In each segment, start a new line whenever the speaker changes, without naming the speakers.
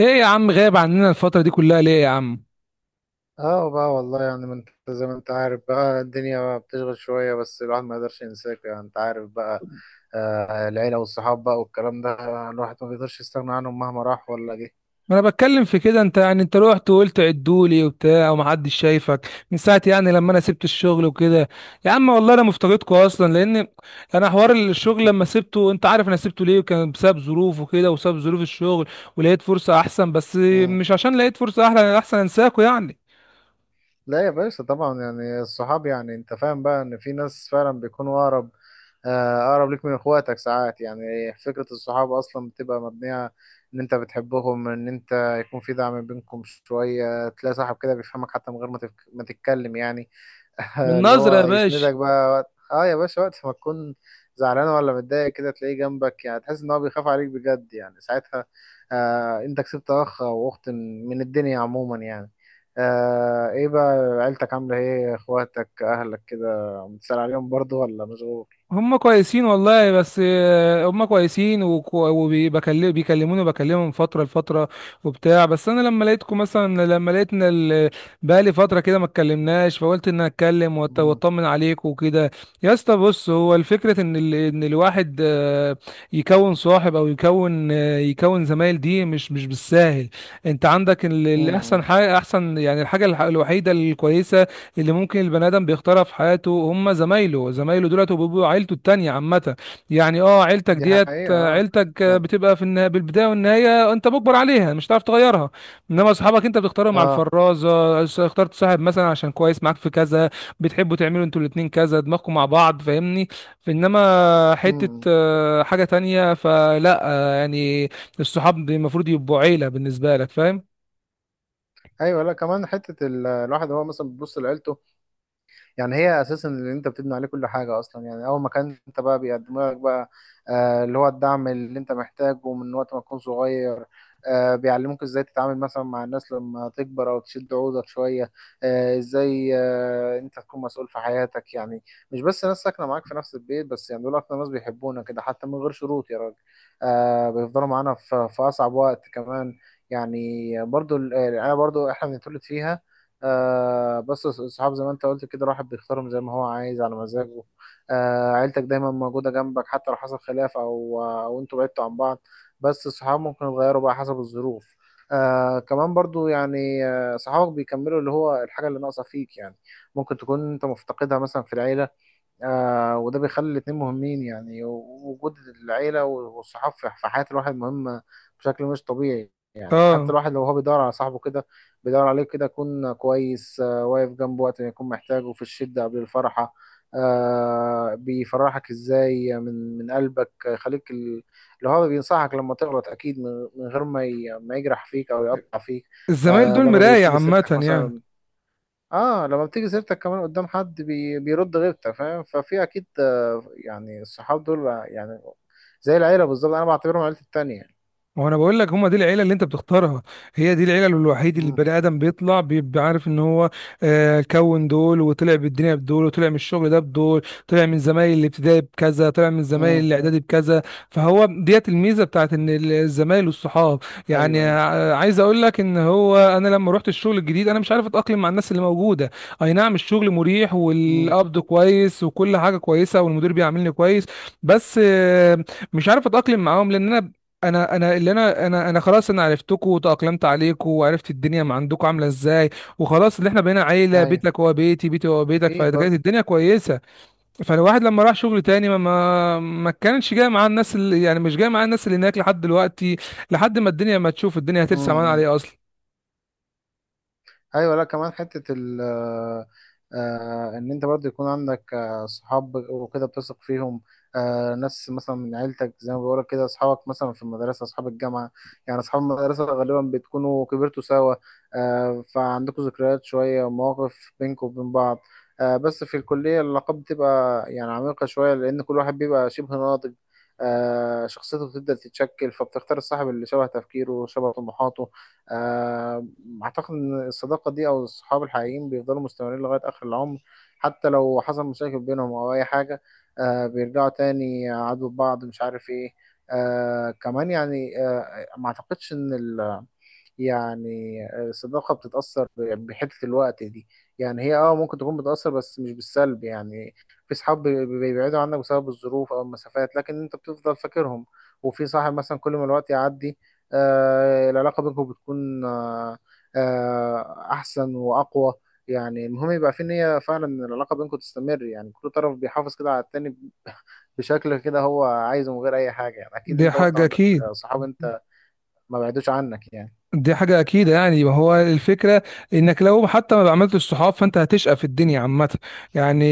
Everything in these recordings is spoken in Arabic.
ايه يا عم غايب عننا الفترة دي كلها ليه يا عم؟
اه بقى والله، يعني ما انت زي ما انت عارف بقى، الدنيا بقى بتشغل شوية بس الواحد ما يقدرش ينساك، يعني انت عارف بقى. آه العيلة والصحاب بقى والكلام ده، الواحد ما بيقدرش يستغنى عنهم مهما راح ولا جه.
ما انا بتكلم في كده. انت رحت وقلت عدولي وبتاع، ومحدش شايفك من ساعة يعني لما انا سبت الشغل وكده. يا عم والله انا مفتقدكوا اصلا، لان انا حوار الشغل لما سبته انت عارف انا سبته ليه، وكان بسبب ظروف وكده، وسبب ظروف الشغل، ولقيت فرصة احسن. بس
مم.
مش عشان لقيت فرصة احلى احسن انساكوا يعني،
لا يا باشا، طبعا يعني الصحاب، يعني انت فاهم بقى ان في ناس فعلا بيكونوا اقرب، آه اقرب ليك من اخواتك ساعات. يعني فكرة الصحاب اصلا بتبقى مبنية ان انت بتحبهم، ان انت يكون في دعم بينكم شوية. تلاقي صاحب كده بيفهمك حتى من غير ما ما تتكلم يعني.
من
اللي
نظرة يا
هو
باشا.
يسندك بقى وقت، اه يا باشا، وقت ما تكون زعلان ولا متضايق كده تلاقيه جنبك، يعني تحس ان هو بيخاف عليك بجد، يعني ساعتها آه انت كسبت اخ او اخت من الدنيا عموما يعني. آه ايه بقى، عيلتك عاملة ايه؟ اخواتك اهلك كده بتسأل عليهم برضو ولا مشغول؟
هم كويسين والله، بس هم كويسين، وبيكلموني وبكلمهم فترة لفترة وبتاع. بس انا لما لقيتكم مثلا، لما لقيت ان بقالي فترة كده ما اتكلمناش، فقلت ان أنا اتكلم
مم.
واطمن عليكم وكده. يا اسطى بص، هو الفكرة ان ان الواحد يكون صاحب، او يكون زمايل، دي مش بالساهل. انت عندك الاحسن
مم.
حاجة احسن يعني، الحاجة الوحيدة الكويسة اللي ممكن البني ادم بيختارها في حياته، هم زمايله. زمايله دولت وبيبقوا عيلته التانية عامة. يعني عيلتك
دي
ديت،
حقيقة اه.
عيلتك
يعني
بتبقى في بالبداية والنهاية انت مجبر عليها، مش هتعرف تغيرها. انما اصحابك انت بتختارهم على
اه.
الفرازة. اخترت صاحب مثلا عشان كويس معاك في كذا، بتحبوا تعملوا انتوا الاتنين كذا، دماغكم مع بعض، فاهمني؟ انما حتة
مم.
آه، حاجة تانية فلا، يعني الصحاب المفروض يبقوا عيلة بالنسبة لك، فاهم؟
ايوه، لا كمان حتة الواحد هو مثلا بيبص لعيلته. يعني هي اساسا اللي انت بتبني عليه كل حاجه اصلا. يعني اول ما كان انت بقى بيقدموا لك بقى اللي هو الدعم اللي انت محتاجه من وقت ما تكون صغير. آه بيعلموك ازاي تتعامل مثلا مع الناس لما تكبر او تشد عودك شويه. آه ازاي آه انت تكون مسؤول في حياتك يعني. مش بس ناس ساكنه معاك في نفس البيت بس، يعني دول اكتر ناس بيحبونا كده حتى من غير شروط يا راجل. آه بيفضلوا معانا في اصعب وقت كمان. يعني برضو يعني انا برضو احنا بنتولد فيها. آه بس الصحاب زي ما انت قلت كده الواحد بيختارهم زي ما هو عايز على مزاجه. آه عيلتك دايما موجودة جنبك حتى لو حصل خلاف او انتوا بعدتوا عن بعض، بس الصحاب ممكن يتغيروا بقى حسب الظروف. آه كمان برضو يعني، آه صحابك بيكملوا اللي هو الحاجة اللي ناقصة فيك يعني، ممكن تكون انت مفتقدها مثلا في العيلة. آه وده بيخلي الاتنين مهمين. يعني وجود العيلة والصحاب في حياة الواحد مهم بشكل مش طبيعي. يعني حتى
اه
الواحد لو هو بيدور على صاحبه كده بيدور عليه كده يكون كويس، آه واقف جنبه وقت ما يكون محتاجه في الشدة قبل الفرحة. آه بيفرحك ازاي من قلبك، يخليك اللي هو بينصحك لما تغلط اكيد من غير ما يجرح فيك او يقطع فيك.
الزمايل
آه
دول
لما
مراية
بتيجي سيرتك
عامة يعني.
مثلا. اه لما بتيجي سيرتك كمان قدام حد بيرد غيرتك فاهم. ففي اكيد آه، يعني الصحاب دول يعني زي العيله بالظبط، انا بعتبرهم عيلتي التانية يعني.
ما هو انا بقول لك، هم دي العيله اللي انت بتختارها، هي دي العيله الوحيده اللي
امم.
البني ادم بيطلع بيبقى عارف ان هو كون دول، وطلع بالدنيا بدول، وطلع من الشغل ده بدول، طلع من زمايل الابتدائي بكذا، طلع من زمايل
امم.
الاعدادي بكذا. فهو ديت الميزه بتاعت ان الزمايل والصحاب.
ايوه.
يعني
ايوه.
عايز اقول لك ان هو انا لما رحت الشغل الجديد، انا مش عارف اتاقلم مع الناس اللي موجوده. اي نعم الشغل مريح،
امم.
والقبض كويس، وكل حاجه كويسه، والمدير بيعاملني كويس، بس مش عارف اتاقلم معاهم، لان انا، انا انا اللي انا انا انا خلاص انا عرفتكوا وتأقلمت عليكوا، وعرفت الدنيا ما عندكوا عامله ازاي، وخلاص اللي احنا بقينا عيله،
ايوه
بيتك هو بيتي، بيتي هو بيتك،
اكيد
فكانت
برضه.
الدنيا كويسه. فالواحد لما راح شغل تاني ما كانش جاي معاه الناس اللي يعني، مش جاي معاه الناس اللي هناك لحد دلوقتي، لحد ما الدنيا، ما تشوف الدنيا هترسى
امم.
معانا
إمم.
عليه اصلا.
ايوه لا كمان حته ال آه، آه، ان انت برضه يكون عندك آه، صحاب وكده بتثق فيهم. آه، ناس مثلا من عيلتك زي ما بقولك كده، اصحابك مثلا في المدرسه، اصحاب الجامعه. يعني اصحاب المدرسه غالبا بتكونوا كبرتوا سوا، آه، فعندكوا ذكريات شويه ومواقف بينكم وبين بعض. آه، بس في الكليه العلاقات بتبقى يعني عميقه شويه لان كل واحد بيبقى شبه ناضج، آه، شخصيته بتبدأ تتشكل، فبتختار الصاحب اللي شبه تفكيره شبه طموحاته. آه، اعتقد ان الصداقه دي او الصحاب الحقيقيين بيفضلوا مستمرين لغايه اخر العمر، حتى لو حصل مشاكل بينهم او اي حاجه، آه بيرجعوا تاني عدو بعض مش عارف ايه. آه كمان يعني آه ما اعتقدش ان ال يعني الصداقة بتتأثر بحتة الوقت دي. يعني هي اه ممكن تكون بتأثر بس مش بالسلب يعني. في صحاب بيبعدوا عنك بسبب الظروف أو المسافات، لكن أنت بتفضل فاكرهم. وفي صاحب مثلا كل ما الوقت يعدي آه العلاقة بينكم بتكون أحسن وأقوى. يعني المهم يبقى في نية فعلا إن العلاقة بينكم تستمر، يعني كل طرف بيحافظ كده على التاني بشكل كده هو عايزه من غير أي حاجة. يعني أكيد
دي
أنت برضه
حاجه
عندك
اكيد.
صحاب أنت ما بعدوش عنك يعني.
دي حاجة أكيدة يعني. ما هو الفكرة، إنك لو حتى ما عملتش صحاب، فأنت هتشقى في الدنيا عامة يعني.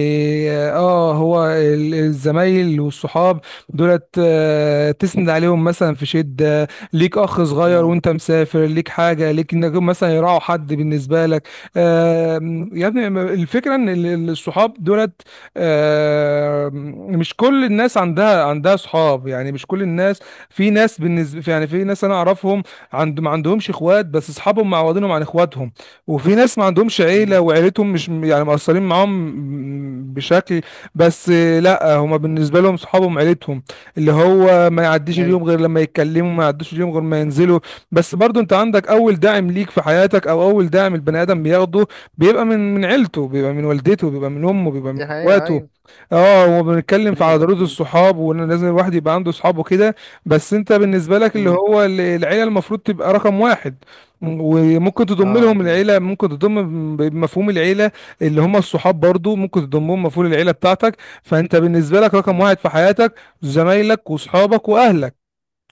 آه هو الزمايل والصحاب دولت، تسند عليهم مثلا في شدة، ليك أخ صغير وأنت مسافر، ليك حاجة، ليك إنك مثلا يراعوا حد بالنسبة لك. يا ابني، الفكرة إن الصحاب دولت، مش كل الناس عندها صحاب يعني، مش كل الناس. في ناس بالنسبة يعني، في ناس أنا أعرفهم ما عندهمش اخوات، بس اصحابهم معوضينهم عن اخواتهم. وفي ناس ما عندهمش
مم.
عيله، وعيلتهم مش يعني مقصرين معاهم بشكل، بس لا، هما بالنسبه لهم صحابهم عيلتهم، اللي هو ما يعديش
ايوه
اليوم غير لما يتكلموا، ما يعديش اليوم غير ما ينزلوا. بس برضو انت عندك اول داعم ليك في حياتك، او اول داعم البني ادم بياخده بيبقى من عيلته، بيبقى من والدته، بيبقى من امه، بيبقى من
دي حقيقة
اخواته.
ايوه.
اه وبنتكلم في على
ايوه
ضروره
اكيد.
الصحاب، وان لازم الواحد يبقى عنده صحابه كده. بس انت بالنسبة لك، اللي
امم.
هو العيلة المفروض تبقى رقم واحد. وممكن تضم
اه
لهم
اكيد.
العيلة، ممكن تضم بمفهوم العيلة اللي هم الصحاب برضو، ممكن تضمهم مفهوم العيلة بتاعتك. فانت بالنسبة لك رقم
مم.
واحد في حياتك، زمايلك وصحابك واهلك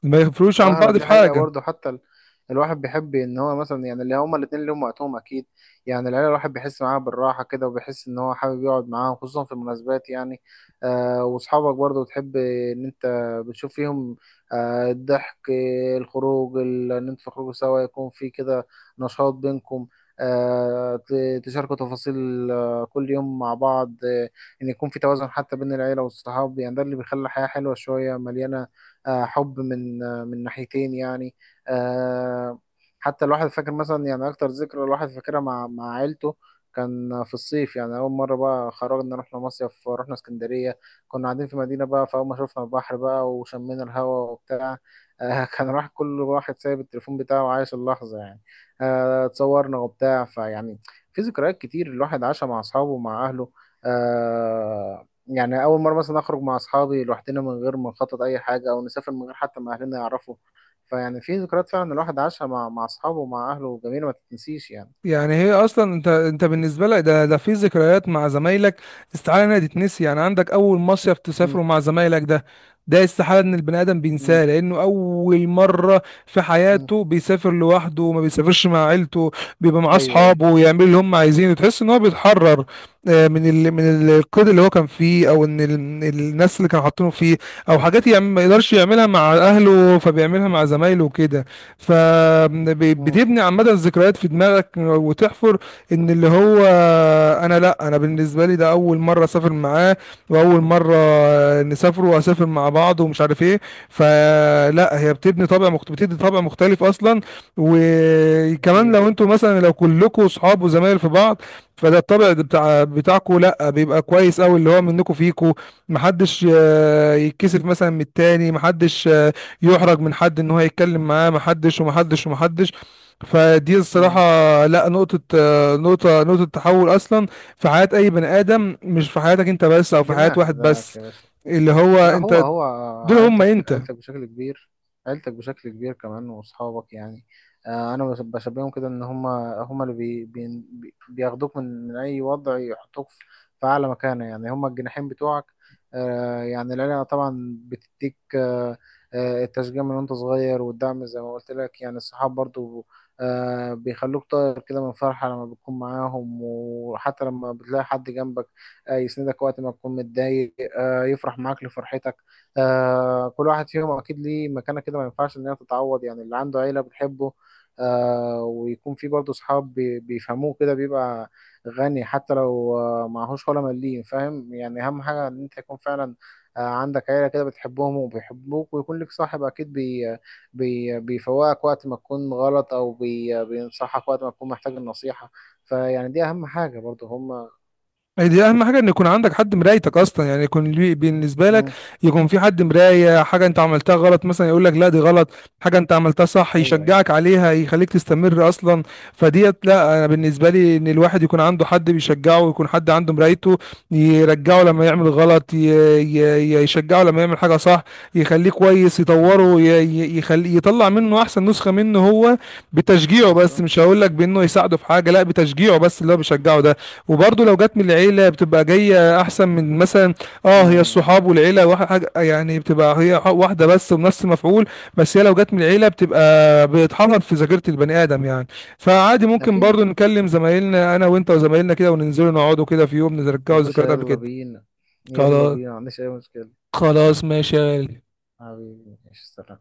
ما يفرقوش عن
واهلك
بعض
دي
في
حقيقة
حاجة.
برضه حتى الواحد بيحب ان هو مثلا يعني اللي هما الاتنين ليهم وقتهم اكيد. يعني العيلة الواحد بيحس معاها بالراحة كده وبيحس ان هو حابب يقعد معاهم خصوصا في المناسبات يعني. آه واصحابك برضه بتحب ان انت بتشوف فيهم آه الضحك، آه، الخروج، ان انتوا تخرجوا سوا يكون في كده نشاط بينكم. آه تشاركوا تفاصيل آه كل يوم مع بعض، آه ان يكون في توازن حتى بين العيلة والصحاب، يعني ده اللي بيخلي الحياة حلوة شوية مليانة، آه، حب من آه، من ناحيتين يعني. آه، حتى الواحد فاكر مثلا يعني اكتر ذكرى الواحد فاكرها مع عيلته، كان في الصيف. يعني اول مره بقى خرجنا، رحنا مصيف، رحنا اسكندريه. كنا قاعدين في مدينه بقى، فاول ما شفنا البحر بقى وشمينا الهواء وبتاع، آه، كان راح كل واحد سايب التليفون بتاعه وعايش اللحظه يعني. آه، اتصورنا وبتاع فيعني في ذكريات كتير الواحد عاشها مع اصحابه ومع اهله. آه، يعني أول مرة مثلا أخرج مع أصحابي لوحدنا من غير ما نخطط أي حاجة أو نسافر من غير حتى ما أهلنا يعرفوا. فيعني في ذكريات فعلا الواحد عاشها مع أصحابه ومع أهله جميلة ما تتنسيش يعني.
يعني هي اصلا، انت بالنسبه لك ده في ذكريات مع زمايلك استحاله انها تتنسي، يعني عندك اول مصيف
مم.
تسافره مع زمايلك ده، ده استحاله ان البني ادم
مم.
بينساه، لانه اول مره في
مم.
حياته بيسافر لوحده، وما بيسافرش مع عيلته، بيبقى مع
أيوه أيوه.
اصحابه ويعمل اللي هم عايزينه، تحس ان هو بيتحرر من القيد اللي هو كان فيه، او ان من الناس اللي كانوا حاطينه فيه، او حاجات ما يقدرش يعملها مع اهله فبيعملها مع زمايله وكده.
مم.
فبتبني عامة ذكريات في دماغك وتحفر ان اللي هو، انا لا، انا بالنسبة لي ده اول مرة اسافر معاه، واول مرة نسافر واسافر مع بعض ومش عارف ايه، فلا هي بتبني طابع بتدي طابع مختلف اصلا. وكمان
أكيد.
لو انتوا مثلا، لو كلكم صحاب وزمايل في بعض، فده الطبع ده بتاعكوا لا، بيبقى كويس قوي، اللي هو منكم فيكوا محدش يتكسف مثلا من التاني، محدش يحرج من حد ان هو يتكلم معاه، محدش ومحدش ومحدش. فدي الصراحة
مم.
لا، نقطة، نقطة تحول أصلا في حياة أي بني آدم، مش في حياتك أنت بس، أو في حياة
جناح
واحد
بذاك
بس،
يا باشا.
اللي هو
لا هو
أنت،
هو،
دول هم
عيلتك
أنت.
عيلتك بشكل كبير، عيلتك بشكل كبير كمان وأصحابك يعني. آه، أنا بشبههم كده إن هما هما اللي بياخدوك من أي وضع يحطوك في أعلى مكانة، يعني هما الجناحين بتوعك. آه، يعني العيلة طبعا بتديك التشجيع من وأنت صغير والدعم زي ما قلت لك، يعني الصحاب برضو آه، بيخلوك طاير كده من فرحة لما بتكون معاهم، وحتى لما بتلاقي حد جنبك آه، يسندك وقت ما تكون متضايق آه، يفرح معاك لفرحتك. آه، كل واحد فيهم اكيد ليه مكانه كده ما ينفعش ان هي تتعوض، يعني اللي عنده عيله بتحبه آه، ويكون في برضه صحاب بيفهموه كده، بيبقى غني حتى لو آه، معهوش ولا مليم فاهم. يعني اهم حاجه ان انت يكون فعلا آه، عندك عيله كده بتحبهم وبيحبوك ويكون لك صاحب اكيد بي بي بيفوقك وقت ما تكون غلط او بينصحك وقت ما تكون محتاج النصيحه، فيعني دي اهم حاجه برضه هم.
أي دي اهم حاجه، ان يكون عندك حد مرايتك اصلا، يعني يكون بالنسبه لك،
مم.
يكون في حد مرايه، حاجه انت عملتها غلط مثلا يقول لك لا دي غلط، حاجه انت عملتها صح
ايوه أيوة.
يشجعك عليها يخليك تستمر اصلا. فديت لا، انا بالنسبه لي ان الواحد يكون عنده حد بيشجعه، ويكون حد عنده مرايته، يرجعه لما يعمل غلط، يشجعه لما يعمل حاجه صح، يخليه كويس،
جميل.
يطوره، يخلي يطلع منه احسن نسخه منه هو. بتشجيعه بس،
بالظبط.
مش هقول لك بانه يساعده في حاجه، لا، بتشجيعه بس اللي هو بيشجعه ده. وبرضه لو جت من العيلة بتبقى جاية أحسن من مثلا، اه هي
مم.
الصحاب والعيلة واحد، يعني بتبقى هي واحدة بس بنفس المفعول. بس هي لو جت من العيلة بتبقى بتحفر في ذاكرة البني آدم يعني. فعادي ممكن برضه
أكيد.
نكلم زمايلنا أنا وأنت وزمايلنا كده، وننزلوا نقعدوا كده في يوم
يا
نرجعوا
باشا
ذكريات قبل
يلا
كده.
بينا، يلا
خلاص.
بينا ما عنديش أي مشكلة.
خلاص ماشي يا غالي.
حبيبي ماشي سلام.